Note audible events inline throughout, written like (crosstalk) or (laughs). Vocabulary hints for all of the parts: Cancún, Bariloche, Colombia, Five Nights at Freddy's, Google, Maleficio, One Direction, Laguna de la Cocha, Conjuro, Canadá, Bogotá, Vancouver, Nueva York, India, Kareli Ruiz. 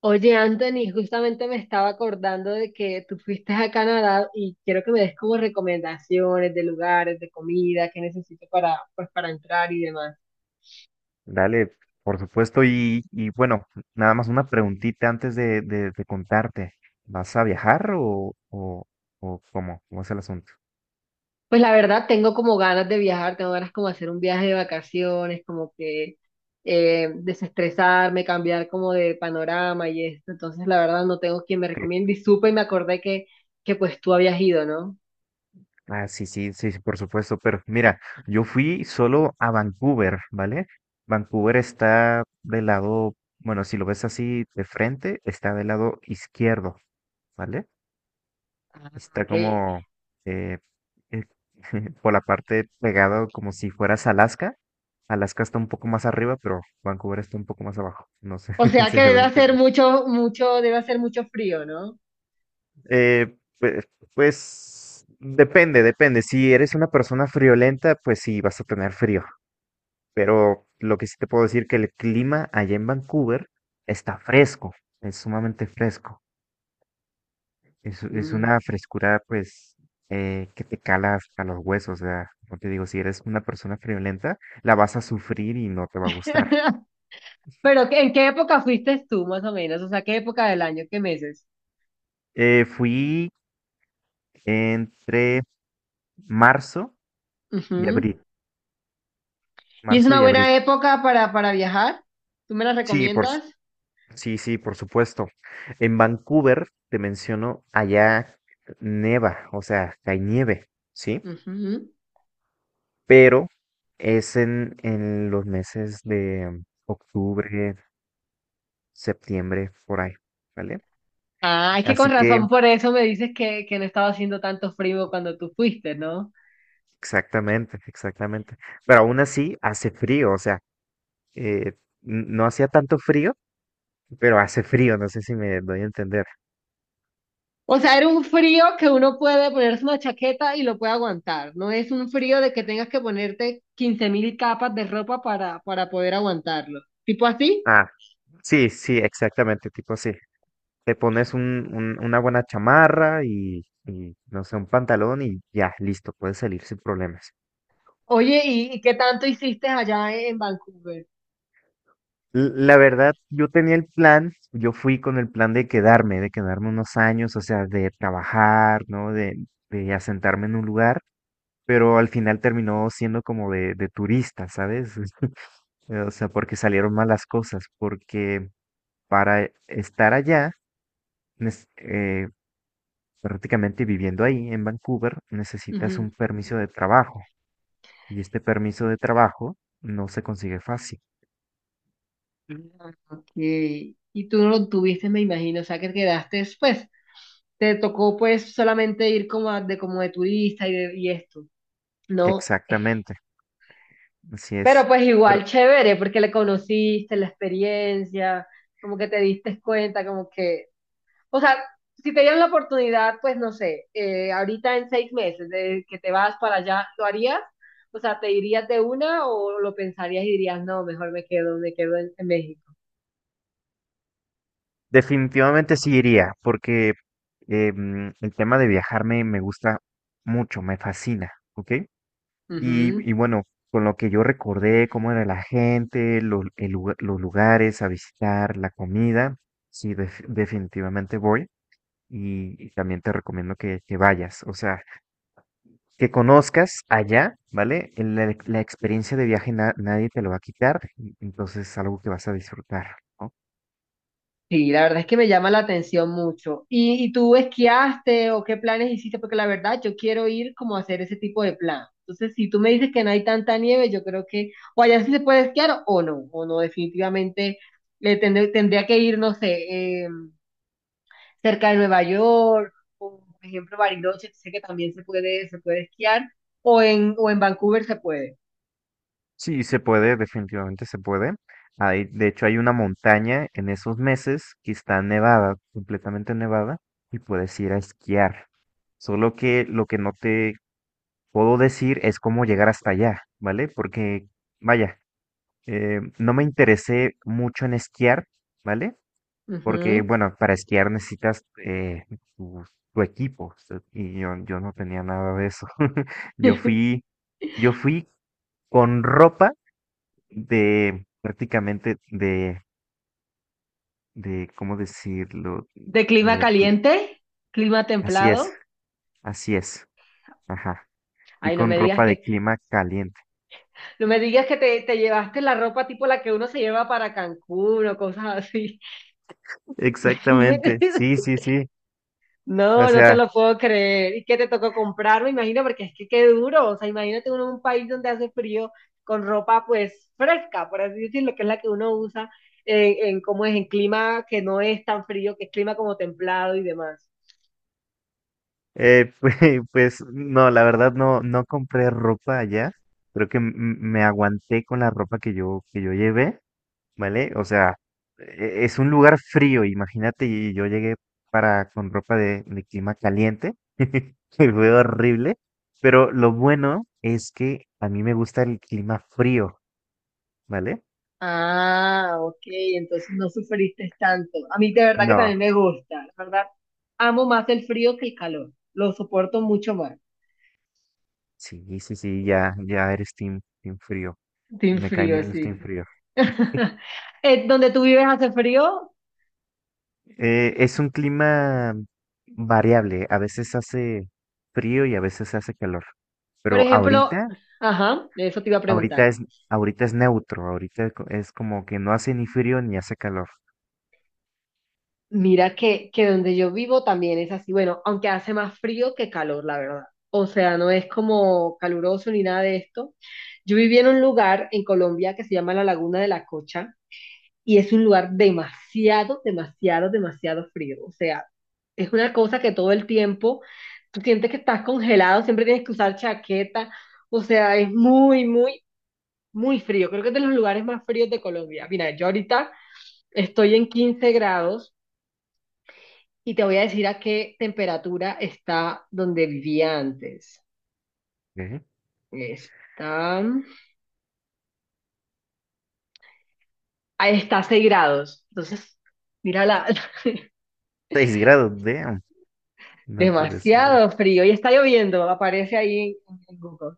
Oye, Anthony, justamente me estaba acordando de que tú fuiste a Canadá y quiero que me des como recomendaciones de lugares, de comida, que necesito para, pues, para entrar y demás. Dale, por supuesto. Y bueno, nada más una preguntita antes de contarte. ¿Vas a viajar o cómo? ¿Cómo es el asunto? Pues la verdad, tengo como ganas de viajar, tengo ganas como hacer un viaje de vacaciones, como que desestresarme, cambiar como de panorama y esto. Entonces, la verdad, no tengo quien me ¿Qué? recomiende y supe y me acordé que pues tú habías ido, ¿no? Ah, sí, por supuesto. Pero mira, yo fui solo a Vancouver, ¿vale? Vancouver está del lado, bueno, si lo ves así de frente, está del lado izquierdo, ¿vale? Ah, Está ok. como eh, eh, (laughs) por la parte pegado como si fueras Alaska. Alaska está un poco más arriba, pero Vancouver está un poco más abajo. No sé O (laughs) sea si que me debe doy a hacer entender. mucho, mucho, debe hacer mucho frío, ¿no? Pues, depende, depende. Si eres una persona friolenta, pues sí, vas a tener frío. Pero lo que sí te puedo decir que el clima allá en Vancouver está fresco, es sumamente fresco. Es Mm. una frescura, pues, que te cala hasta los huesos. O sea, como te digo, si eres una persona friolenta, la vas a sufrir y no te va a gustar. (laughs) Pero, ¿en qué época fuiste tú, más o menos? O sea, ¿qué época del año? ¿Qué meses? Fui entre marzo y Ujú. abril. ¿Y es Marzo una y abril. buena época para viajar? ¿Tú me la Sí, por, s- recomiendas? sí, sí, por supuesto. En Vancouver, te menciono, allá neva, o sea, hay nieve, ¿sí? Ujú. Pero es en los meses de octubre, septiembre, por ahí, ¿vale? Ah, es que con Así que, razón por eso me dices que no estaba haciendo tanto frío cuando tú fuiste, ¿no? exactamente, exactamente. Pero aún así hace frío, o sea, eh, no hacía tanto frío, pero hace frío, no sé si me doy a entender. O sea, era un frío que uno puede ponerse una chaqueta y lo puede aguantar. No es un frío de que tengas que ponerte 15.000 capas de ropa para poder aguantarlo. ¿Tipo así? Ah, sí, sí, exactamente, tipo así. Te pones una buena chamarra y, no sé, un pantalón y ya, listo, puedes salir sin problemas. Oye, y qué tanto hiciste allá en Vancouver? La verdad, yo tenía el plan, yo fui con el plan de quedarme unos años, o sea, de trabajar, ¿no? De asentarme en un lugar, pero al final terminó siendo como de turista, ¿sabes? O sea, porque salieron malas cosas, porque para estar allá, nes- eh, prácticamente viviendo ahí en Vancouver, necesitas un permiso de trabajo y este permiso de trabajo no se consigue fácil. Ah, ok. Y tú no lo tuviste, me imagino, o sea que quedaste, pues, te tocó pues solamente ir como a- de como de turista y, de- y esto, ¿no? Exactamente, así Pero es. pues igual Pero chévere, porque le conociste, la experiencia, como que te diste cuenta, como que, o sea, si te dieran la oportunidad, pues no sé, ahorita en 6 meses de que te vas para allá, ¿lo harías? O sea, ¿te irías de una o lo pensarías y dirías, no, mejor me quedo en México? definitivamente sí iría, porque el tema de viajar me, me gusta mucho, me fascina, ¿ok? Y bueno, con lo que yo recordé, cómo era la gente, los lugares a visitar, la comida, sí, definitivamente voy. Y también te recomiendo que vayas, o sea, que conozcas allá, ¿vale? La, la experiencia de viaje nadie te lo va a quitar, entonces es algo que vas a disfrutar, ¿no? Sí, la verdad es que me llama la atención mucho. Y tú esquiaste o qué planes hiciste? Porque la verdad yo quiero ir como a hacer ese tipo de plan. Entonces, si tú me dices que no hay tanta nieve, yo creo que o allá sí se puede esquiar o no, definitivamente le tendré- tendría que ir, no sé, cerca de Nueva York, o por ejemplo Bariloche, que sé que también se puede esquiar, o en Vancouver se puede. Sí, se puede, definitivamente se puede. Hay, de hecho, hay una montaña en esos meses que está nevada, completamente nevada, y puedes ir a esquiar. Solo que lo que no te puedo decir es cómo llegar hasta allá, ¿vale? Porque, vaya, no me interesé mucho en esquiar, ¿vale? Porque, Ujú. bueno, para esquiar necesitas tu, tu equipo, o sea, yo no tenía nada de eso. (laughs) Yo fui, yo fui con ropa de prácticamente de, ¿cómo decirlo? ¿De A clima ver, fui. caliente? ¿Clima Así es, templado? así es. Ajá. Fui Ay, no con me digas ropa de que... clima caliente. No me digas que te llevaste la ropa tipo la que uno se lleva para Cancún o cosas así. Exactamente, sí, (laughs) sí, sí. O No, no te sea, lo puedo creer. ¿Y qué te tocó comprar? Me imagino, porque es que qué duro. O sea, imagínate uno en un país donde hace frío con ropa pues fresca, por así decirlo, que es la que uno usa en cómo es, en clima que no es tan frío, que es clima como templado y demás. eh, (laughs) pues, pues, no, la verdad no, no compré ropa allá. Creo que me aguanté con la ropa que yo llevé. ¿Vale? O sea, es un lugar frío, imagínate, y yo llegué para con ropa de clima caliente, (laughs) que fue horrible, pero lo bueno es que a mí me gusta el clima frío, ¿vale? Ah, ok, entonces no sufriste tanto. A mí de verdad que No, también me gusta, la verdad. Amo más el frío que el calor. Lo soporto mucho más. sí, sí, sí, ya, ya eres team, team frío, Team me caen frío, bien los team sí. frío. (laughs) ¿Donde tú vives hace frío? Es un clima variable, a veces hace frío y a veces hace calor, Por pero ejemplo, ahorita ajá, de eso te iba a Ahorita preguntar. es, ahorita es neutro, ahorita es como que no hace ni frío ni hace calor. Mira que donde yo vivo también es así, bueno, aunque hace más frío que calor, la verdad. O sea, no es como caluroso ni nada de esto. Yo vivía en un lugar en Colombia que se llama la Laguna de la Cocha y es un lugar demasiado, demasiado, demasiado frío. O sea, es una cosa que todo el tiempo tú sientes que estás congelado, siempre tienes que usar chaqueta. O sea, es muy, muy, muy frío. Creo que es de los lugares más fríos de Colombia. Mira, yo ahorita estoy en 15 grados y te voy a decir a qué temperatura está donde vivía antes. ¿Qué? Está, ahí está a 6 grados. Entonces, mira, la, (laughs) 6 grados, damn. No puede ser. demasiado frío y está lloviendo. Aparece ahí en Google.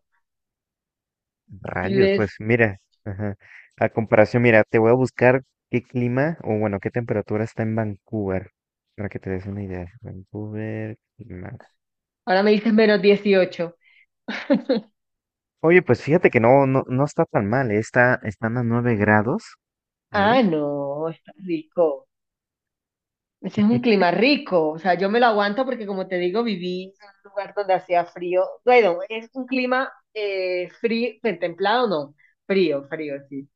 Si Rayos, ves, pues mira, ajá. A comparación, mira, te voy a buscar qué clima o bueno, qué temperatura está en Vancouver, para que te des una idea. Vancouver, clima. ahora me dices menos 18. Oye, pues fíjate que no, no, no está tan mal, eh. Está, están a 9 grados, ¿vale? Ah, no, está rico. Ese es un (laughs) clima rico. O sea, yo me lo aguanto porque, como te digo, viví en un lugar donde hacía frío. Bueno, es un clima frío, templado, no. Frío, frío, sí.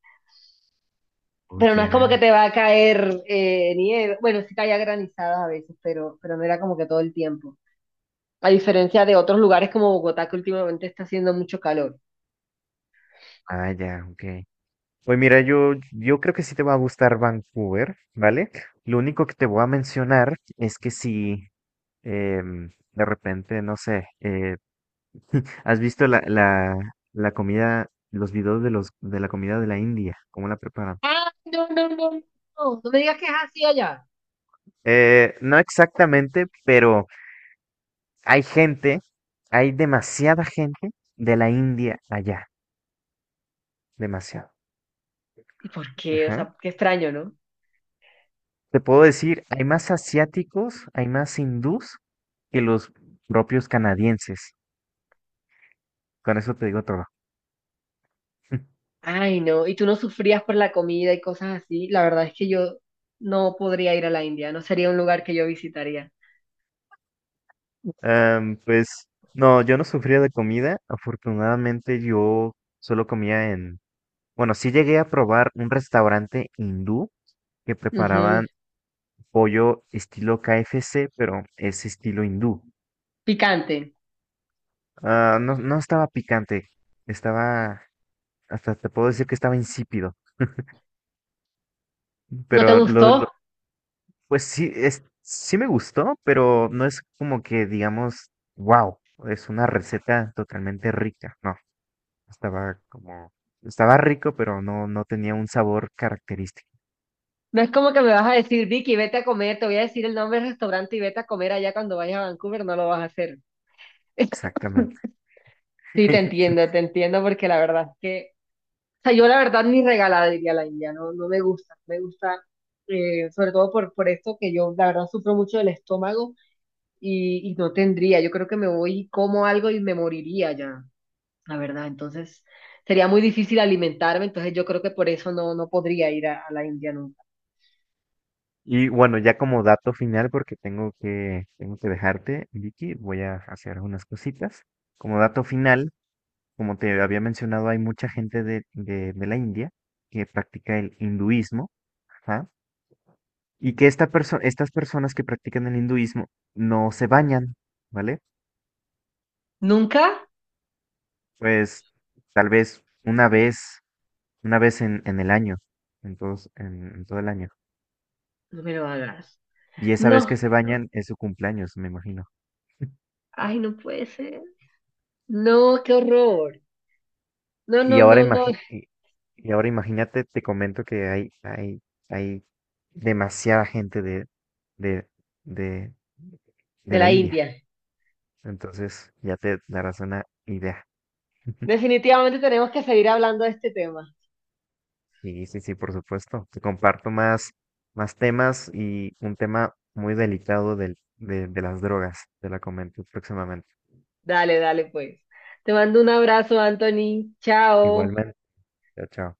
Oh, Pero no es como que ya. te va a caer nieve. Bueno, sí caía granizadas a veces, pero no era como que todo el tiempo. A diferencia de otros lugares como Bogotá, que últimamente está haciendo mucho calor. Ah, ya, ok. Pues mira, yo creo que sí te va a gustar Vancouver, ¿vale? Lo único que te voy a mencionar es que si de repente, no sé, ¿has visto la, la, la comida, los videos de los de la comida de la India? ¿Cómo la preparan? Ah, no, no, no, no. No me digas que es así allá. No exactamente, pero hay gente, hay demasiada gente de la India allá, demasiado. ¿Y por qué? O Ajá. sea, qué extraño, ¿no? Te puedo decir, hay más asiáticos, hay más hindús que los propios canadienses. Con eso te digo todo. (laughs) Ay, no. ¿Y tú no sufrías por la comida y cosas así? La verdad es que yo no podría ir a la India, no sería un lugar que yo visitaría. Pues no, yo no sufría de comida. Afortunadamente yo solo comía en... Bueno, sí llegué a probar un restaurante hindú que Ujú. preparaban pollo estilo KFC, pero es estilo hindú. Picante. Ah, no, no estaba picante, estaba... Hasta te puedo decir que estaba insípido. ¿No te Pero lo, gustó? lo- pues sí, es, sí me gustó, pero no es como que digamos, wow, es una receta totalmente rica, no. Estaba como, estaba rico, pero no, no tenía un sabor característico, No es como que me vas a decir, Vicky, vete a comer, te voy a decir el nombre del restaurante y vete a comer allá cuando vayas a Vancouver, no lo vas a hacer. exactamente. Sí, (laughs) te entiendo porque la verdad es que, o sea, yo la verdad ni regalada iría a la India, no, no me gusta, me gusta, sobre todo por esto que yo la verdad sufro mucho del estómago y no tendría. Yo creo que me voy, y como algo y me moriría ya, la verdad. Entonces sería muy difícil alimentarme, entonces yo creo que por eso no, no podría ir a la India nunca. Y bueno, ya como dato final, porque tengo que dejarte, Vicky, voy a hacer unas cositas. Como dato final, como te había mencionado, hay mucha gente de la India que practica el hinduismo, ajá. Y que esta estas personas que practican el hinduismo no se bañan, ¿vale? ¿Nunca? Pues tal vez una vez. Una vez en el año, en todos, en todo el año. No me lo hagas. Y esa vez No, que se bañan es su cumpleaños, me imagino. ay, no puede ser. No, qué horror. No, Y no, ahora no, no, ahora imagínate, te comento que hay demasiada gente de, de, de de la la India. India. Entonces, ya te darás una idea. (laughs) Definitivamente tenemos que seguir hablando de este tema. Sí, sí, sí, por supuesto. Te comparto más, más temas y un tema muy delicado de las drogas. Te la comento próximamente. Dale, dale, pues. Te mando un abrazo, Anthony. Chao. Igualmente. Chao, chao.